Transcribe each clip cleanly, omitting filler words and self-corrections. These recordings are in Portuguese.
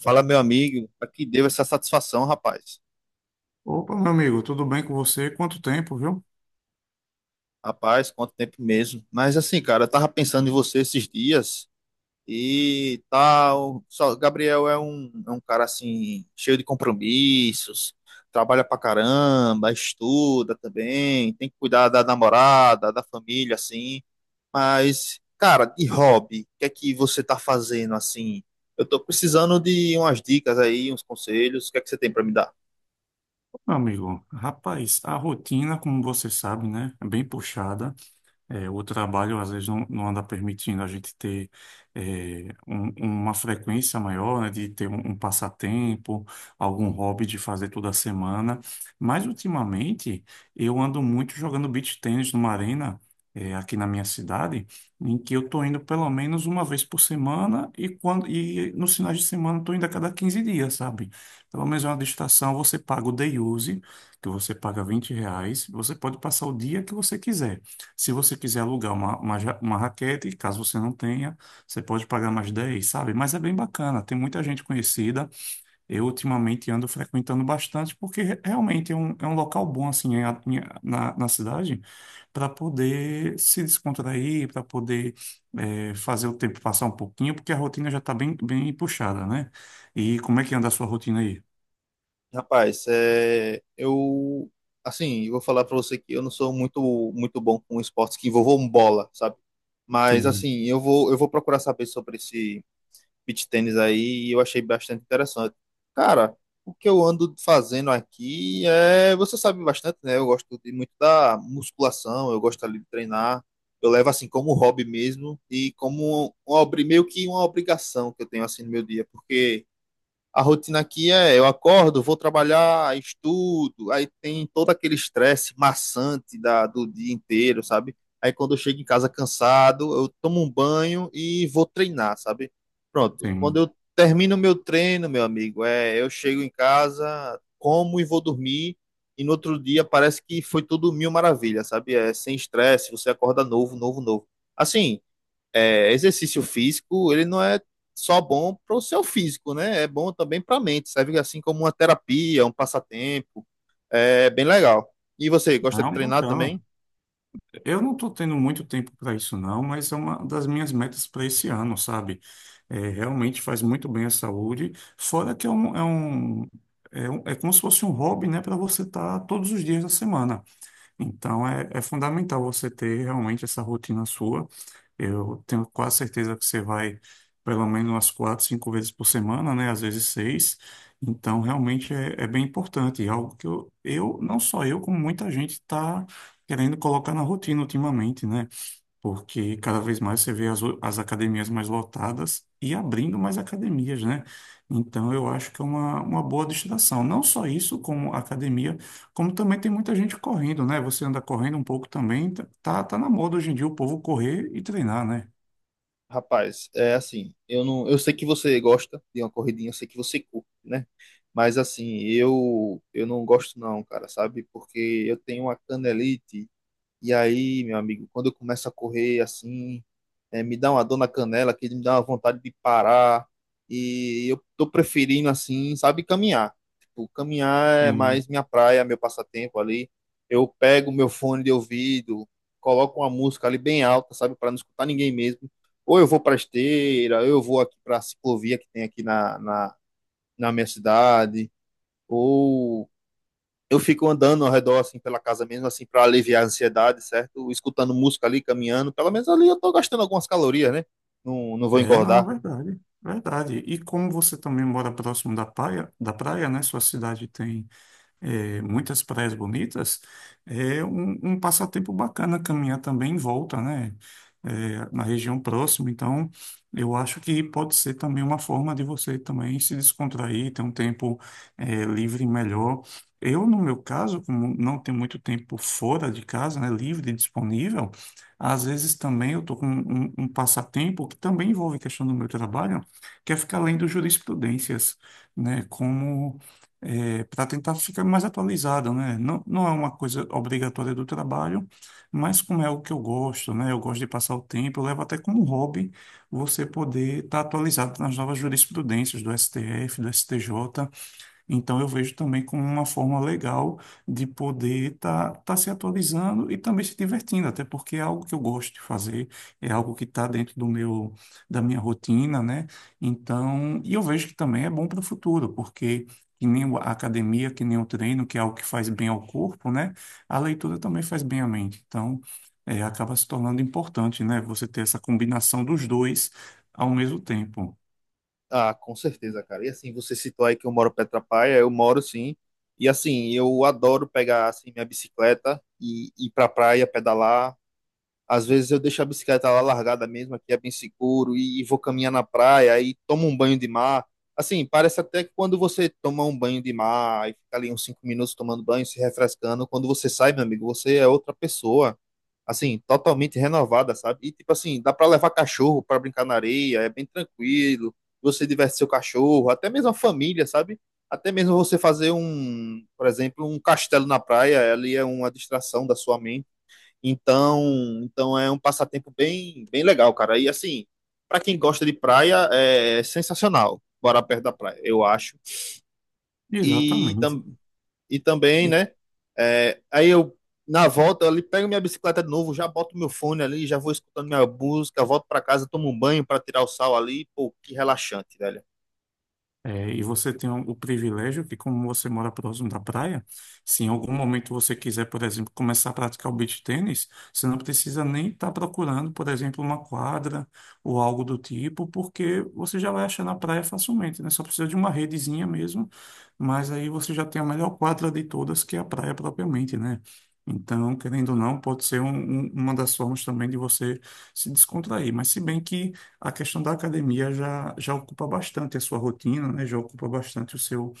Fala, meu amigo, pra que deu essa satisfação, rapaz? Opa, meu amigo, tudo bem com você? Quanto tempo, viu? Rapaz, quanto tempo mesmo. Mas assim, cara, eu tava pensando em você esses dias e tal. Só, Gabriel é um cara assim, cheio de compromissos, trabalha pra caramba, estuda também, tem que cuidar da namorada, da família, assim. Mas, cara, de hobby, o que é que você tá fazendo assim? Eu tô precisando de umas dicas aí, uns conselhos. O que é que você tem pra me dar? Meu amigo, rapaz, a rotina, como você sabe, né, é bem puxada. É, o trabalho às vezes não anda permitindo a gente ter uma frequência maior, né, de ter um passatempo, algum hobby de fazer toda semana. Mas ultimamente eu ando muito jogando beach tennis numa arena aqui na minha cidade, em que eu estou indo pelo menos uma vez por semana e quando e nos finais de semana estou indo a cada 15 dias, sabe? Pelo menos é uma distração, você paga o day use, que você paga R$ 20, você pode passar o dia que você quiser. Se você quiser alugar uma raquete, caso você não tenha, você pode pagar mais 10, sabe? Mas é bem bacana, tem muita gente conhecida. Eu ultimamente ando frequentando bastante, porque realmente é é um local bom, assim, na cidade, para poder se descontrair, para poder fazer o tempo passar um pouquinho, porque a rotina já está bem puxada, né? E como é que anda a sua rotina aí? Rapaz, é, eu, assim, eu vou falar pra você que eu não sou muito, muito bom com esportes que envolvam bola, sabe? Mas, Sim, assim, eu vou procurar saber sobre esse beach tênis aí e eu achei bastante interessante. Cara, o que eu ando fazendo aqui é, você sabe bastante, né? Eu gosto de muito da musculação, eu gosto ali de treinar. Eu levo, assim, como hobby mesmo e como meio que uma obrigação que eu tenho, assim, no meu dia, porque a rotina aqui é, eu acordo, vou trabalhar, estudo, aí tem todo aquele estresse maçante do dia inteiro, sabe? Aí quando eu chego em casa cansado, eu tomo um banho e vou treinar, sabe? Pronto. Quando sim. eu termino meu treino, meu amigo, é, eu chego em casa, como e vou dormir, e no outro dia parece que foi tudo mil maravilhas, sabe? É sem estresse, você acorda novo, novo, novo. Assim, é, exercício físico, ele não é só bom para o seu físico, né? É bom também para a mente, serve assim como uma terapia, um passatempo, é bem legal. E você, gosta de Não, treinar bacana. também? Eu não estou tendo muito tempo para isso, não, mas é uma das minhas metas para esse ano, sabe? É, realmente faz muito bem à saúde, fora então é, é fundamental você ter realmente essa rotina sua. Eu tenho quase certeza que você vai pelo menos umas 4, 5 vezes por semana, né? Às vezes seis. Então realmente é, é bem importante. E algo que eu, não só eu, como muita gente está querendo colocar na rotina ultimamente, né? Porque cada vez mais você vê as academias mais lotadas e abrindo mais academias, né? Então, eu acho que é uma boa destinação. Não só isso, como academia, como também tem muita gente correndo, né? Você anda correndo um pouco também, tá na moda hoje em dia o povo correr e treinar, né? Rapaz, é assim, eu não, eu sei que você gosta de uma corridinha, eu sei que você curte, né? Mas assim, eu não gosto não, cara, sabe? Porque eu tenho uma canelite. E aí, meu amigo, quando eu começo a correr assim, é, me dá uma dor na canela, que me dá uma vontade de parar. E eu tô preferindo assim, sabe, caminhar. Tipo, caminhar é Sim. mais minha praia, meu passatempo ali. Eu pego meu fone de ouvido, coloco uma música ali bem alta, sabe, para não escutar ninguém mesmo. Ou eu vou para esteira, ou eu vou aqui para a ciclovia que tem aqui na minha cidade, ou eu fico andando ao redor, assim, pela casa mesmo, assim, para aliviar a ansiedade, certo? Escutando música ali, caminhando. Pelo menos ali eu tô gastando algumas calorias, né? Não, não vou É, não, engordar. verdade, verdade. E como você também mora próximo da praia, né? Sua cidade tem muitas praias bonitas, é um passatempo bacana caminhar também em volta, né? Na região próxima. Então, eu acho que pode ser também uma forma de você também se descontrair, ter um tempo livre melhor. Eu, no meu caso, como não tenho muito tempo fora de casa, né, livre e disponível, às vezes também eu estou com um passatempo que também envolve questão do meu trabalho, que é ficar lendo jurisprudências, né, como para tentar ficar mais atualizado, né? Não é uma coisa obrigatória do trabalho, mas como é algo que eu gosto, né? Eu gosto de passar o tempo, eu levo até como hobby você poder estar atualizado nas novas jurisprudências do STF, do STJ. Então eu vejo também como uma forma legal de poder estar se atualizando e também se divertindo, até porque é algo que eu gosto de fazer, é algo que está dentro do meu da minha rotina, né? Então, e eu vejo que também é bom para o futuro, porque que nem a academia, que nem o treino, que é algo que faz bem ao corpo, né? A leitura também faz bem à mente. Então, é, acaba se tornando importante, né? Você ter essa combinação dos dois ao mesmo tempo. Ah, com certeza, cara. E assim, você citou aí que eu moro Petra praia eu moro sim. E assim, eu adoro pegar assim minha bicicleta e ir pra praia, pedalar. Às vezes eu deixo a bicicleta lá largada mesmo, aqui é bem seguro, e vou caminhar na praia aí tomo um banho de mar. Assim, parece até que quando você toma um banho de mar e fica ali uns 5 minutos tomando banho, se refrescando, quando você sai, meu amigo, você é outra pessoa, assim, totalmente renovada, sabe? E tipo assim, dá pra levar cachorro pra brincar na areia, é bem tranquilo, você diverte seu cachorro, até mesmo a família, sabe? Até mesmo você fazer um, por exemplo, um castelo na praia, ali é uma distração da sua mente. Então, então é um passatempo bem, bem legal, cara. E assim, para quem gosta de praia, é sensacional morar perto da praia, eu acho. E, Exatamente. tam, e também, E né? Aí eu, na volta, eu ali pego minha bicicleta de novo, já boto meu fone ali, já vou escutando minha música, volto para casa, tomo um banho para tirar o sal ali. Pô, que relaxante, velho. e você tem o privilégio que, como você mora próximo da praia, se em algum momento você quiser, por exemplo, começar a praticar o beach tênis, você não precisa nem estar procurando, por exemplo, uma quadra ou algo do tipo, porque você já vai achar na praia facilmente, né? Só precisa de uma redezinha mesmo, mas aí você já tem a melhor quadra de todas, que é a praia propriamente, né? Então, querendo ou não, pode ser uma das formas também de você se descontrair. Mas se bem que a questão da academia já ocupa bastante a sua rotina, né? Já ocupa bastante o seu,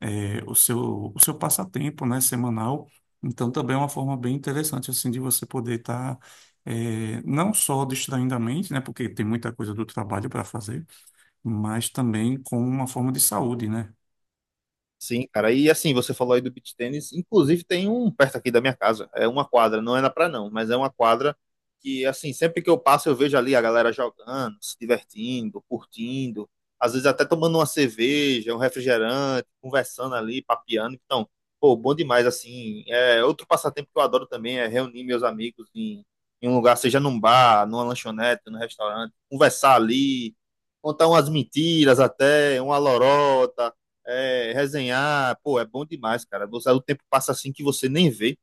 o seu passatempo, né? Semanal. Então, também é uma forma bem interessante, assim, de você poder estar, não só distraindo a mente, né? Porque tem muita coisa do trabalho para fazer, mas também com uma forma de saúde, né? Sim, cara. E assim, você falou aí do beach tênis. Inclusive, tem um perto aqui da minha casa. É uma quadra, não é na praia, não, mas é uma quadra que, assim, sempre que eu passo, eu vejo ali a galera jogando, se divertindo, curtindo. Às vezes até tomando uma cerveja, um refrigerante, conversando ali, papeando. Então, pô, bom demais, assim. É outro passatempo que eu adoro também é reunir meus amigos em um lugar, seja num bar, numa lanchonete, num restaurante, conversar ali, contar umas mentiras até, uma lorota, resenhar, pô, é bom demais, cara. Você, o tempo passa assim que você nem vê.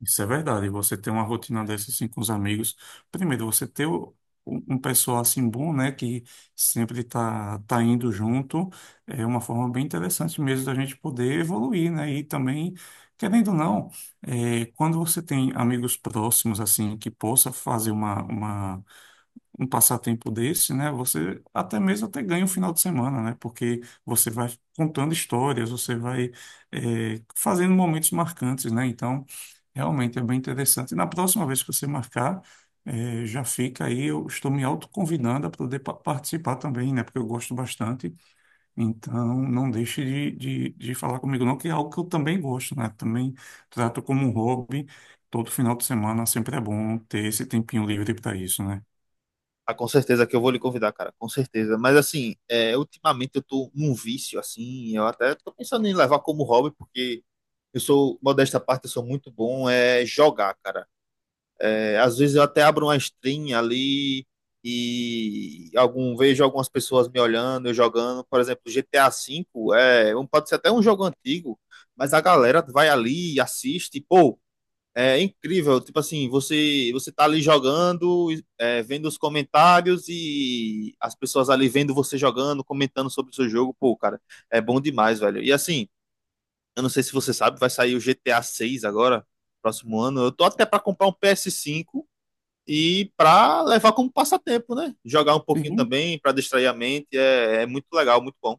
Isso é verdade. Você ter uma rotina dessa assim com os amigos. Primeiro, você ter um pessoal assim bom, né, que sempre tá indo junto, é uma forma bem interessante mesmo da gente poder evoluir, né? E também, querendo ou não, é, quando você tem amigos próximos assim que possa fazer uma um passatempo desse, né? Você até mesmo até ganha um final de semana, né? Porque você vai contando histórias, você vai fazendo momentos marcantes, né? Então, realmente é bem interessante. E na próxima vez que você marcar, já fica aí, eu estou me autoconvidando a poder participar também, né? Porque eu gosto bastante. Então, não deixe de falar comigo, não, que é algo que eu também gosto, né? Também trato como um hobby. Todo final de semana sempre é bom ter esse tempinho livre para isso, né? Ah, com certeza que eu vou lhe convidar, cara, com certeza. Mas assim, ultimamente eu tô num vício, assim, eu até tô pensando em levar como hobby, porque eu sou, modesta parte, eu sou muito bom é jogar, cara. É, às vezes eu até abro uma stream ali vejo algumas pessoas me olhando, eu jogando. Por exemplo, GTA V, pode ser até um jogo antigo, mas a galera vai ali e assiste, pô. É incrível, tipo assim, você tá ali jogando, vendo os comentários e as pessoas ali vendo você jogando, comentando sobre o seu jogo, pô, cara, é bom demais, velho. E assim, eu não sei se você sabe, vai sair o GTA 6 agora, próximo ano. Eu tô até pra comprar um PS5 e pra levar como passatempo, né? Jogar um pouquinho Sim. também, pra distrair a mente, é muito legal, muito bom.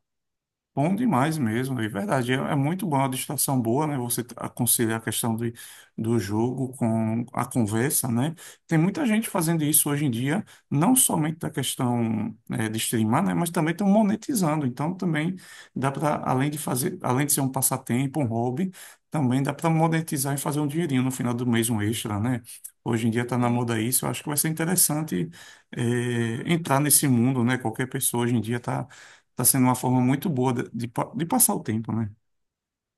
Bom demais mesmo, é verdade. É, é muito bom, é uma distração boa, né? Você conciliar a questão do, do jogo com a conversa, né? Tem muita gente fazendo isso hoje em dia, não somente da questão de streamar, né? Mas também estão monetizando. Então também dá para, além de fazer, além de ser um passatempo, um hobby, também dá para monetizar e fazer um dinheirinho no final do mês, um extra, né? Hoje em dia está na Sim. moda isso, eu acho que vai ser interessante entrar nesse mundo, né? Qualquer pessoa hoje em dia está tá sendo uma forma muito boa de de passar o tempo, né?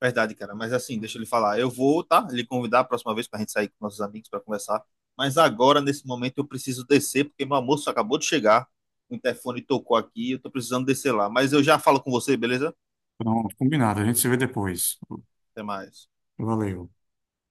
Verdade, cara. Mas assim, deixa ele falar. Eu vou, tá? Lhe convidar a próxima vez pra gente sair com nossos amigos pra conversar. Mas agora, nesse momento, eu preciso descer, porque meu almoço acabou de chegar. O interfone tocou aqui, eu tô precisando descer lá. Mas eu já falo com você, beleza? Então, combinado. A gente se vê depois. Até mais. Valeu.